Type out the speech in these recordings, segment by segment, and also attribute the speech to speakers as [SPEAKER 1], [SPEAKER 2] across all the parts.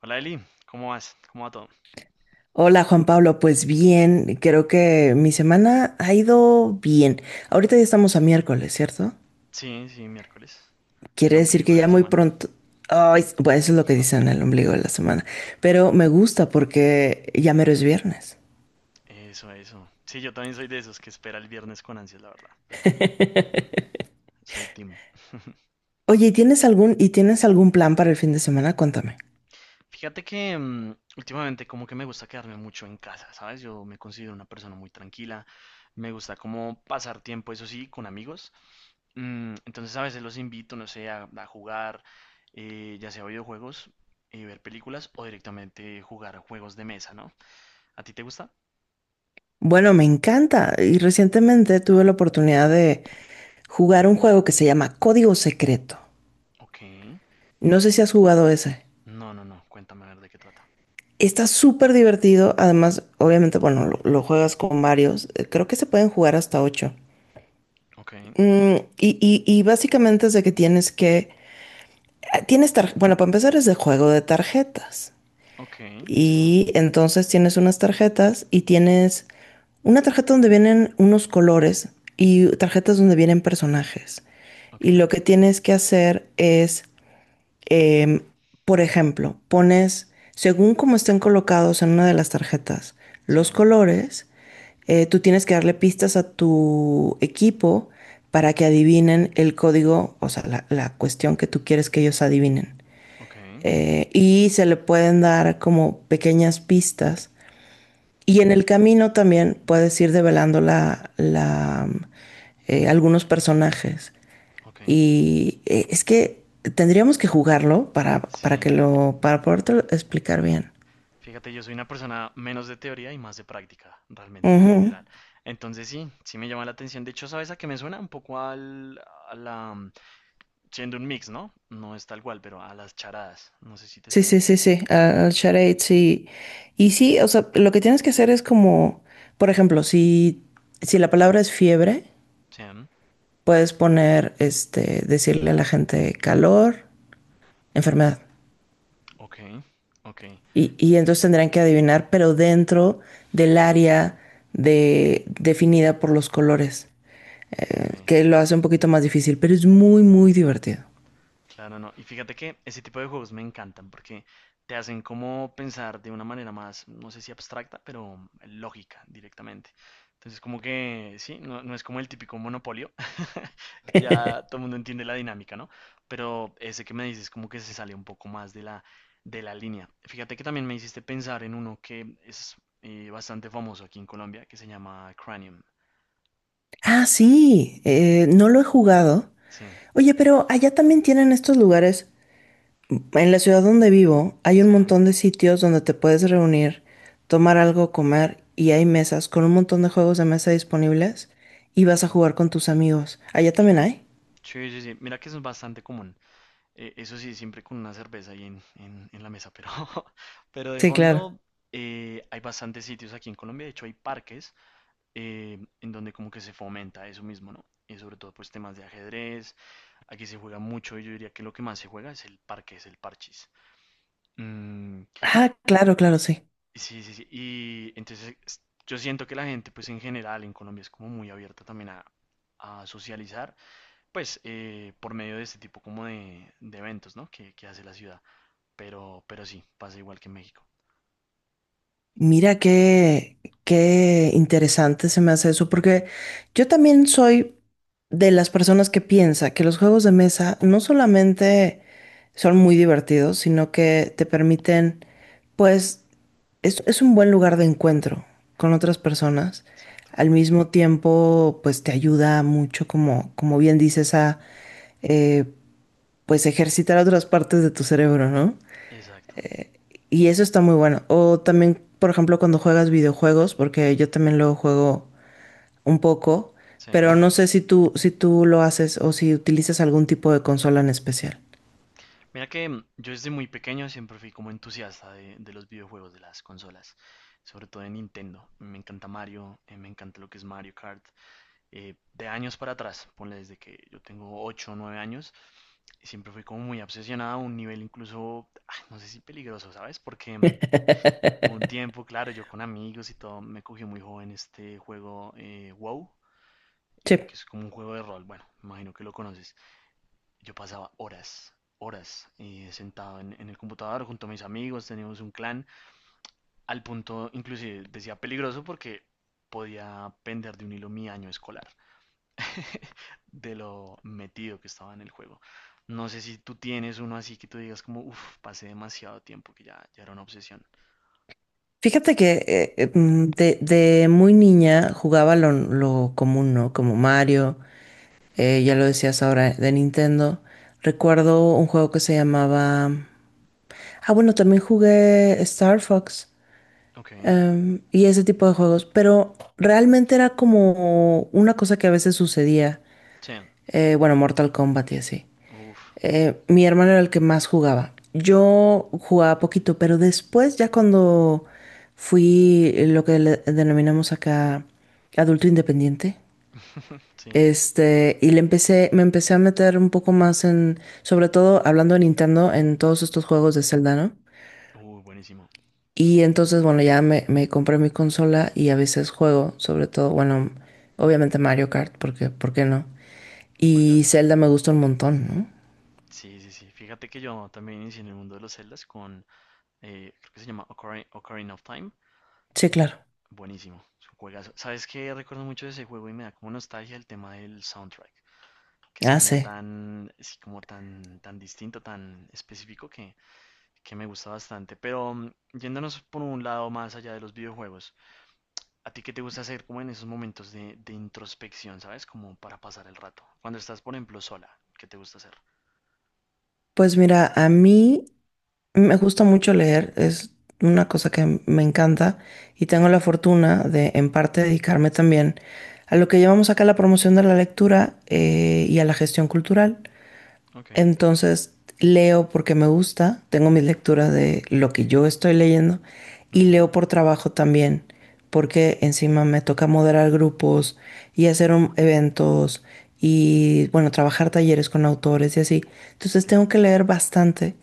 [SPEAKER 1] Hola Eli, ¿cómo vas? ¿Cómo va todo?
[SPEAKER 2] Hola Juan Pablo, pues bien, creo que mi semana ha ido bien. Ahorita ya estamos a miércoles, ¿cierto?
[SPEAKER 1] Sí, sí, miércoles, el
[SPEAKER 2] Quiere decir
[SPEAKER 1] ombligo
[SPEAKER 2] que
[SPEAKER 1] de la
[SPEAKER 2] ya muy
[SPEAKER 1] semana.
[SPEAKER 2] pronto. Ay, bueno, eso es lo que dicen el ombligo de la semana, pero me gusta porque ya mero es viernes.
[SPEAKER 1] Eso, eso. Sí, yo también soy de esos que espera el viernes con ansias, la verdad. Soy team.
[SPEAKER 2] Oye, ¿y tienes algún plan para el fin de semana? Cuéntame.
[SPEAKER 1] Fíjate que últimamente como que me gusta quedarme mucho en casa, ¿sabes? Yo me considero una persona muy tranquila. Me gusta como pasar tiempo, eso sí, con amigos. Entonces a veces los invito, no sé, a jugar, ya sea videojuegos, ver películas o directamente jugar juegos de mesa, ¿no? ¿A ti te gusta?
[SPEAKER 2] Bueno, me encanta y recientemente tuve la oportunidad de jugar un juego que se llama Código Secreto.
[SPEAKER 1] Ok,
[SPEAKER 2] No
[SPEAKER 1] ok.
[SPEAKER 2] sé si has jugado ese.
[SPEAKER 1] No, no, no. Cuéntame a ver de qué trata.
[SPEAKER 2] Está súper divertido. Además, obviamente, bueno, lo juegas con varios. Creo que se pueden jugar hasta ocho.
[SPEAKER 1] Ok,
[SPEAKER 2] Y básicamente es de que tienes que. Bueno, para empezar es de juego de tarjetas.
[SPEAKER 1] ok, sí,
[SPEAKER 2] Y entonces tienes unas tarjetas y tienes una tarjeta donde vienen unos colores y tarjetas donde vienen personajes.
[SPEAKER 1] ok,
[SPEAKER 2] Y lo que tienes que hacer es, Em, por ejemplo, pones, según cómo estén colocados en una de las tarjetas,
[SPEAKER 1] sí,
[SPEAKER 2] los colores, tú tienes que darle pistas a tu equipo para que adivinen el código, o sea, la cuestión que tú quieres que ellos adivinen.
[SPEAKER 1] ok,
[SPEAKER 2] Y se le pueden dar como pequeñas pistas y en el camino también puedes ir develando algunos personajes.
[SPEAKER 1] ok,
[SPEAKER 2] Y es que tendríamos que jugarlo para,
[SPEAKER 1] sí.
[SPEAKER 2] para podértelo explicar bien.
[SPEAKER 1] Fíjate, yo soy una persona menos de teoría y más de práctica, realmente, en
[SPEAKER 2] Ujú.
[SPEAKER 1] general. Entonces sí, sí me llama la atención. De hecho, ¿sabes a qué me suena? Un poco a la siendo un mix, ¿no? No es tal cual, pero a las charadas. No sé si te
[SPEAKER 2] Sí,
[SPEAKER 1] suena.
[SPEAKER 2] sí, sí, sí, al charade, sí. Y sí, o sea, lo que tienes que hacer es como, por ejemplo, si, la palabra es fiebre,
[SPEAKER 1] Sí,
[SPEAKER 2] puedes poner, decirle a la gente calor, enfermedad.
[SPEAKER 1] ok, ok,
[SPEAKER 2] Y entonces tendrán que adivinar, pero dentro del área definida por los colores,
[SPEAKER 1] ok.
[SPEAKER 2] que lo hace un poquito más difícil, pero es muy, muy divertido.
[SPEAKER 1] Claro, no. Y fíjate que ese tipo de juegos me encantan porque te hacen como pensar de una manera más, no sé si abstracta, pero lógica directamente. Entonces, como que sí, no, no es como el típico monopolio, que ya todo el mundo entiende la dinámica, ¿no? Pero ese que me dices como que se sale un poco más de la línea. Fíjate que también me hiciste pensar en uno que es bastante famoso aquí en Colombia, que se llama Cranium.
[SPEAKER 2] Ah, sí, no lo he jugado.
[SPEAKER 1] Sí,
[SPEAKER 2] Oye, pero allá también tienen estos lugares. En la ciudad donde vivo hay un
[SPEAKER 1] sí,
[SPEAKER 2] montón de sitios donde te puedes reunir, tomar algo, comer y hay mesas con un montón de juegos de mesa disponibles y
[SPEAKER 1] sí,
[SPEAKER 2] vas a jugar con tus amigos. Allá también hay.
[SPEAKER 1] sí, sí, sí. Mira que eso es bastante común. Eso sí, siempre con una cerveza ahí en la mesa, pero, pero de
[SPEAKER 2] Sí, claro.
[SPEAKER 1] fondo hay bastantes sitios aquí en Colombia, de hecho hay parques en donde como que se fomenta eso mismo, ¿no? Y sobre todo pues temas de ajedrez, aquí se juega mucho y yo diría que lo que más se juega es el parque, es el parchís. Mm,
[SPEAKER 2] Ah, claro, claro, sí.
[SPEAKER 1] sí, sí, sí, y entonces es- yo siento que la gente pues en general en Colombia es como muy abierta también a socializar, pues por medio de este tipo como de eventos, ¿no? Que hace la ciudad. Pero sí, pasa igual que en México.
[SPEAKER 2] Mira qué interesante se me hace eso, porque yo también soy de las personas que piensa que los juegos de mesa no solamente son muy divertidos, sino que te permiten, pues, es un buen lugar de encuentro con otras personas.
[SPEAKER 1] Exacto.
[SPEAKER 2] Al mismo tiempo, pues te ayuda mucho, como bien dices, a, eh, pues, ejercitar otras partes de tu cerebro, ¿no?
[SPEAKER 1] Exacto.
[SPEAKER 2] Y eso está muy bueno. O también, por ejemplo, cuando juegas videojuegos, porque yo también lo juego un poco,
[SPEAKER 1] Sí.
[SPEAKER 2] pero no sé si tú lo haces o si utilizas algún tipo de consola en especial.
[SPEAKER 1] Mira que yo desde muy pequeño siempre fui como entusiasta de los videojuegos, de las consolas, sobre todo de Nintendo. Me encanta Mario, me encanta lo que es Mario Kart. De años para atrás, ponle desde que yo tengo 8 o 9 años, siempre fui como muy obsesionado a un nivel incluso, no sé si peligroso, ¿sabes? Porque hubo un tiempo, claro, yo con amigos y todo, me cogió muy joven este juego WoW,
[SPEAKER 2] Sí.
[SPEAKER 1] que es como un juego de rol, bueno, me imagino que lo conoces. Yo pasaba horas, horas sentado en el computador junto a mis amigos, teníamos un clan, al punto, inclusive decía peligroso porque podía pender de un hilo mi año escolar, de lo metido que estaba en el juego. No sé si tú tienes uno así que tú digas como, uff, pasé demasiado tiempo, que ya era una obsesión.
[SPEAKER 2] Fíjate que de muy niña jugaba lo común, ¿no? Como Mario, ya lo decías ahora de Nintendo. Recuerdo un juego que se llamaba. Ah, bueno, también jugué Star Fox.
[SPEAKER 1] Ok,
[SPEAKER 2] Y ese tipo de juegos. Pero realmente era como una cosa que a veces sucedía.
[SPEAKER 1] sí,
[SPEAKER 2] Bueno, Mortal Kombat y así.
[SPEAKER 1] uff,
[SPEAKER 2] Mi hermano era el que más jugaba. Yo jugaba poquito, pero después, ya cuando fui lo que le denominamos acá adulto independiente,
[SPEAKER 1] sí,
[SPEAKER 2] me empecé a meter un poco más en, sobre todo hablando de Nintendo, en todos estos juegos de Zelda, ¿no?
[SPEAKER 1] uy, buenísimo,
[SPEAKER 2] Y entonces, bueno, ya me compré mi consola y a veces juego, sobre todo, bueno, obviamente Mario Kart, porque, ¿por qué no? Y
[SPEAKER 1] juegazo.
[SPEAKER 2] Zelda me
[SPEAKER 1] Mm.
[SPEAKER 2] gusta un montón, ¿no?
[SPEAKER 1] Sí, sí, sí. Fíjate que yo también inicié en el mundo de los celdas con, creo que se llama Ocarina, Ocarina of Time.
[SPEAKER 2] Sí, claro.
[SPEAKER 1] Buenísimo, es un juegazo. ¿Sabes qué? Recuerdo mucho de ese juego y me da como nostalgia el tema del soundtrack, que es
[SPEAKER 2] Ah,
[SPEAKER 1] como
[SPEAKER 2] sí.
[SPEAKER 1] tan, sí, como tan, tan distinto, tan específico que me gusta bastante. Pero yéndonos por un lado más allá de los videojuegos, ¿a ti qué te gusta hacer como en esos momentos de introspección, ¿sabes? Como para pasar el rato. Cuando estás, por ejemplo, sola, ¿qué te gusta hacer?
[SPEAKER 2] Pues mira, a mí me gusta mucho leer, es una cosa que me encanta y
[SPEAKER 1] Sí,
[SPEAKER 2] tengo la fortuna de en parte dedicarme también a lo que llamamos acá la promoción de la lectura, y a la gestión cultural.
[SPEAKER 1] ok,
[SPEAKER 2] Entonces leo porque me gusta, tengo mis lecturas de lo que yo estoy leyendo y
[SPEAKER 1] ujú,
[SPEAKER 2] leo por trabajo también, porque encima me toca moderar grupos y hacer eventos y bueno, trabajar talleres con autores y así. Entonces tengo
[SPEAKER 1] entiendo.
[SPEAKER 2] que leer bastante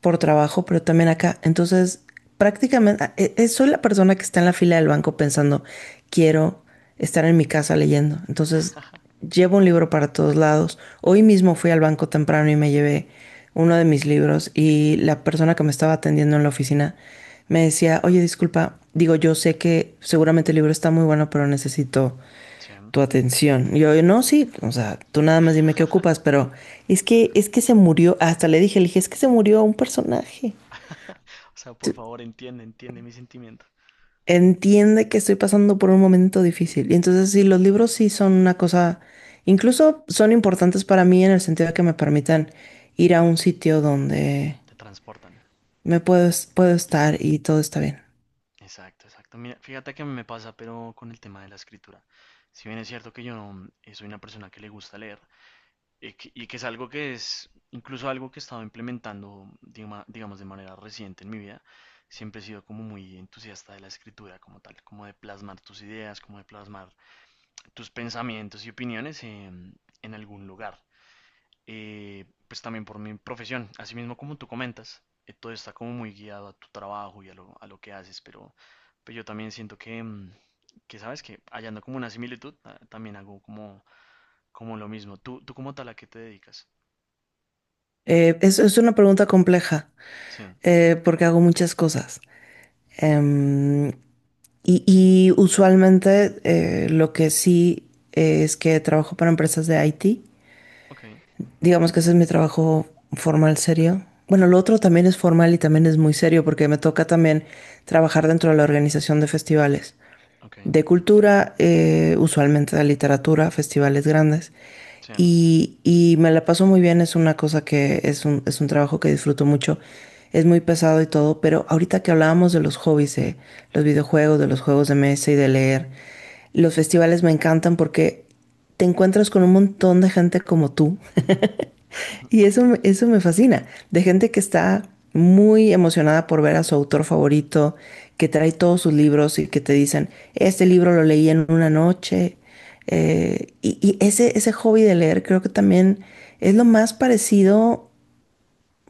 [SPEAKER 2] por trabajo, pero también acá. Entonces, prácticamente, soy la persona que está en la fila del banco pensando, quiero estar en mi casa leyendo. Entonces, llevo un libro para todos lados. Hoy mismo fui al banco temprano y me llevé uno de mis libros y la persona que me estaba atendiendo en la oficina me decía, oye, disculpa, digo, yo sé que seguramente el libro está muy bueno, pero necesito
[SPEAKER 1] Sí.
[SPEAKER 2] tu atención. Y yo, no, sí, o sea, tú nada más dime qué ocupas, pero es que se murió, hasta le dije, es que se murió un personaje.
[SPEAKER 1] O sea, por favor, entiende, entiende mi sentimiento.
[SPEAKER 2] Entiende que estoy pasando por un momento difícil. Y entonces, sí, los libros sí son una cosa, incluso son importantes para mí en el sentido de que me permitan ir a un sitio donde
[SPEAKER 1] Te transportan.
[SPEAKER 2] puedo estar y todo está bien.
[SPEAKER 1] Exacto, exacto. Mira, fíjate que me pasa, pero con el tema de la escritura. Si bien es cierto que yo no, soy una persona que le gusta leer y que es algo que es incluso algo que he estado implementando, digamos, de manera reciente en mi vida, siempre he sido como muy entusiasta de la escritura como tal, como de plasmar tus ideas, como de plasmar tus pensamientos y opiniones en algún lugar. Pues también por mi profesión, así mismo como tú comentas, todo está como muy guiado a tu trabajo y a lo que haces, pero yo también siento que, que sabes que hallando como una similitud, también hago como, como lo mismo. ¿Tú como tal a qué te dedicas?
[SPEAKER 2] Es una pregunta compleja,
[SPEAKER 1] Sí,
[SPEAKER 2] porque hago muchas cosas. Em, y usualmente lo que sí es que trabajo para empresas de IT.
[SPEAKER 1] ok,
[SPEAKER 2] Digamos que ese es mi trabajo formal serio. Bueno, lo otro también es formal y también es muy serio porque me toca también trabajar dentro de la organización de festivales
[SPEAKER 1] ok,
[SPEAKER 2] de cultura, usualmente de literatura, festivales grandes.
[SPEAKER 1] sí,
[SPEAKER 2] Y me la paso muy bien, es una cosa que es un, trabajo que disfruto mucho. Es muy pesado y todo, pero ahorita que hablábamos de los hobbies, de los videojuegos, de los juegos de mesa y de leer, los festivales me encantan porque te encuentras con un montón de gente como tú, y
[SPEAKER 1] ok,
[SPEAKER 2] eso, eso me fascina, de gente que está muy emocionada por ver a su autor favorito, que trae todos sus libros y que te dicen, este libro lo leí en una noche. Ese hobby de leer creo que también es lo más parecido,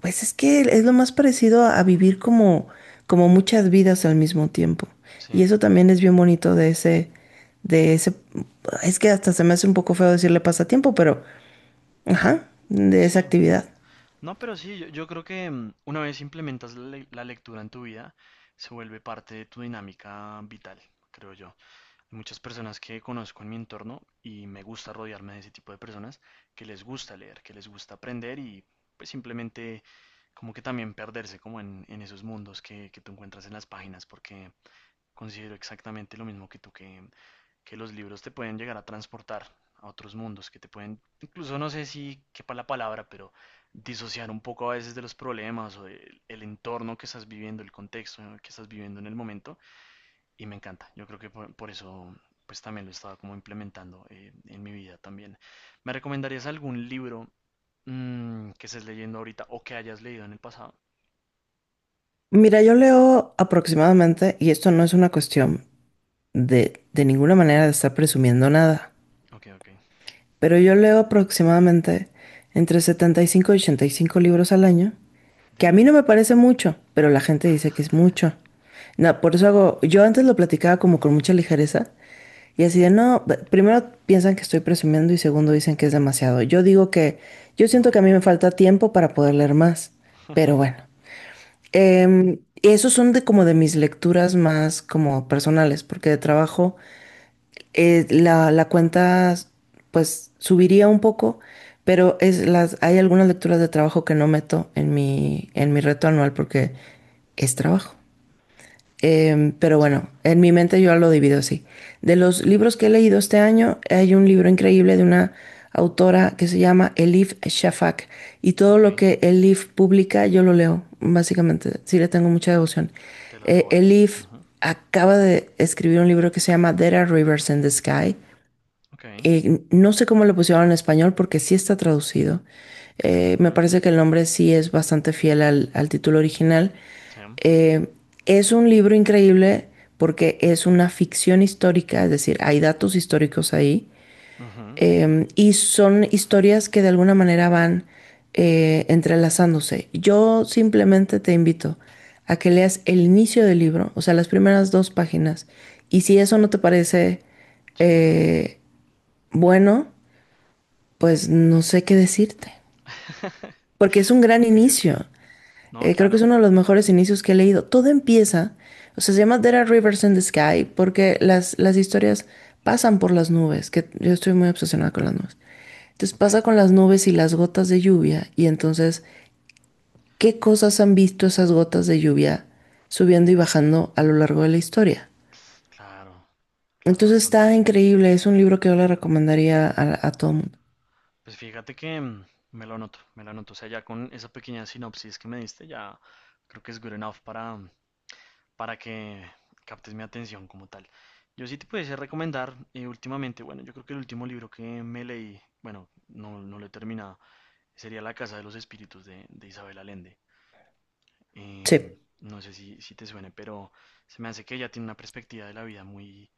[SPEAKER 2] pues es que es lo más parecido a vivir como muchas vidas al mismo tiempo.
[SPEAKER 1] sí,
[SPEAKER 2] Y eso también es bien bonito de ese, es que hasta se me hace un poco feo decirle pasatiempo, pero, ajá, de esa
[SPEAKER 1] sí.
[SPEAKER 2] actividad.
[SPEAKER 1] No, pero sí, yo creo que una vez implementas la lectura en tu vida, se vuelve parte de tu dinámica vital, creo yo. Muchas personas que conozco en mi entorno y me gusta rodearme de ese tipo de personas que les gusta leer, que les gusta aprender y pues simplemente como que también perderse como en esos mundos que tú encuentras en las páginas porque considero exactamente lo mismo que tú que los libros te pueden llegar a transportar a otros mundos, que te pueden, incluso no sé si quepa la palabra, pero disociar un poco a veces de los problemas o del el entorno que estás viviendo, el contexto que estás viviendo en el momento y me encanta. Yo creo que por eso pues también lo estaba como implementando en mi vida también. ¿Me recomendarías algún libro que estés leyendo ahorita o que hayas leído en el pasado?
[SPEAKER 2] Mira, yo leo aproximadamente, y esto no es una cuestión de ninguna manera de estar presumiendo nada,
[SPEAKER 1] Ok, ok.
[SPEAKER 2] pero yo leo aproximadamente entre 75 y 85 libros al año, que a mí no
[SPEAKER 1] Damn.
[SPEAKER 2] me parece mucho, pero la gente dice que es mucho. No, por eso hago, yo antes lo platicaba como con mucha ligereza, y así de, no, primero piensan que estoy presumiendo y segundo dicen que es demasiado. Yo digo que yo siento que a mí me
[SPEAKER 1] No.
[SPEAKER 2] falta tiempo para poder leer más, pero bueno. Y esos son de como de mis lecturas más como personales, porque de trabajo la cuenta pues subiría un poco, pero hay algunas lecturas de trabajo que no meto en mi reto anual porque es trabajo. Pero
[SPEAKER 1] Sí.
[SPEAKER 2] bueno, en mi mente yo lo divido así. De los libros que he leído este año, hay un libro increíble de una autora que se llama Elif Shafak. Y todo
[SPEAKER 1] Ok.
[SPEAKER 2] lo que Elif publica, yo lo leo, básicamente. Sí, le tengo mucha devoción.
[SPEAKER 1] Te lo
[SPEAKER 2] Eh,
[SPEAKER 1] devoras.
[SPEAKER 2] Elif
[SPEAKER 1] Ujú.
[SPEAKER 2] acaba de escribir un libro que se llama There Are Rivers in the Sky.
[SPEAKER 1] Ok.
[SPEAKER 2] No sé cómo lo pusieron en español porque sí está traducido. Me
[SPEAKER 1] Ujú.
[SPEAKER 2] parece que el nombre sí es bastante fiel al, título original.
[SPEAKER 1] Sí.
[SPEAKER 2] Eh, es un libro increíble porque es una ficción histórica, es decir, hay datos históricos ahí,
[SPEAKER 1] Ujú. Entiendo.
[SPEAKER 2] y son historias que de alguna manera van entrelazándose. Yo simplemente te invito a que leas el inicio del libro, o sea, las primeras dos páginas, y si eso no te parece,
[SPEAKER 1] Sí.
[SPEAKER 2] eh, bueno, pues no sé qué decirte, porque es un gran
[SPEAKER 1] Ok, ok.
[SPEAKER 2] inicio.
[SPEAKER 1] No,
[SPEAKER 2] Creo que es
[SPEAKER 1] claro.
[SPEAKER 2] uno de los mejores inicios que he leído. Todo empieza, o sea, se llama There are Rivers in the Sky, porque las historias pasan por las nubes, que yo estoy muy obsesionada con las nubes. Entonces
[SPEAKER 1] Ok.
[SPEAKER 2] pasa con las nubes y las gotas de lluvia, y entonces, ¿qué cosas han visto esas gotas de lluvia subiendo y bajando a lo largo de la historia?
[SPEAKER 1] Claro, claro,
[SPEAKER 2] Entonces está
[SPEAKER 1] bastante.
[SPEAKER 2] increíble, es un libro que yo le recomendaría a, todo el mundo.
[SPEAKER 1] Pues fíjate que me lo anoto, me lo anoto. O sea, ya con esa pequeña sinopsis que me diste, ya creo que es good enough para, para que captes mi atención como tal. Yo sí te pudiese recomendar últimamente, bueno, yo creo que el último libro que me leí, bueno, no, no lo he terminado, sería La Casa de los Espíritus de Isabel Allende.
[SPEAKER 2] Sí.
[SPEAKER 1] Em, no sé si te suene, pero se me hace que ella tiene una perspectiva de la vida muy,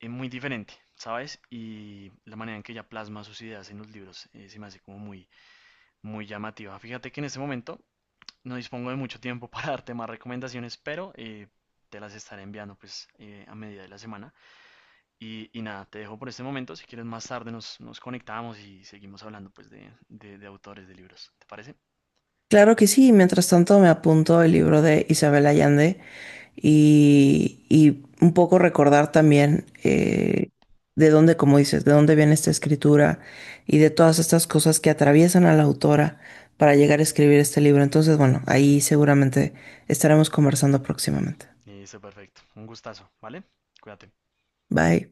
[SPEAKER 1] muy diferente, ¿sabes? Y la manera en que ella plasma sus ideas en los libros, se me hace como muy llamativa. Fíjate que en este momento no dispongo de mucho tiempo para darte más recomendaciones, pero te las estaré enviando pues a medida de la semana. Y nada, te dejo por este momento. Si quieres más tarde nos conectamos y seguimos hablando pues de autores de libros. ¿Te parece?
[SPEAKER 2] Claro que sí, mientras tanto me apunto el libro de Isabel Allende y un poco recordar también de dónde, como dices, de dónde viene esta escritura y de todas estas cosas que atraviesan a la autora para llegar a escribir este libro. Entonces, bueno, ahí
[SPEAKER 1] Exacto.
[SPEAKER 2] seguramente estaremos conversando próximamente.
[SPEAKER 1] Listo, perfecto. Un gustazo, ¿vale? Cuídate.
[SPEAKER 2] Bye.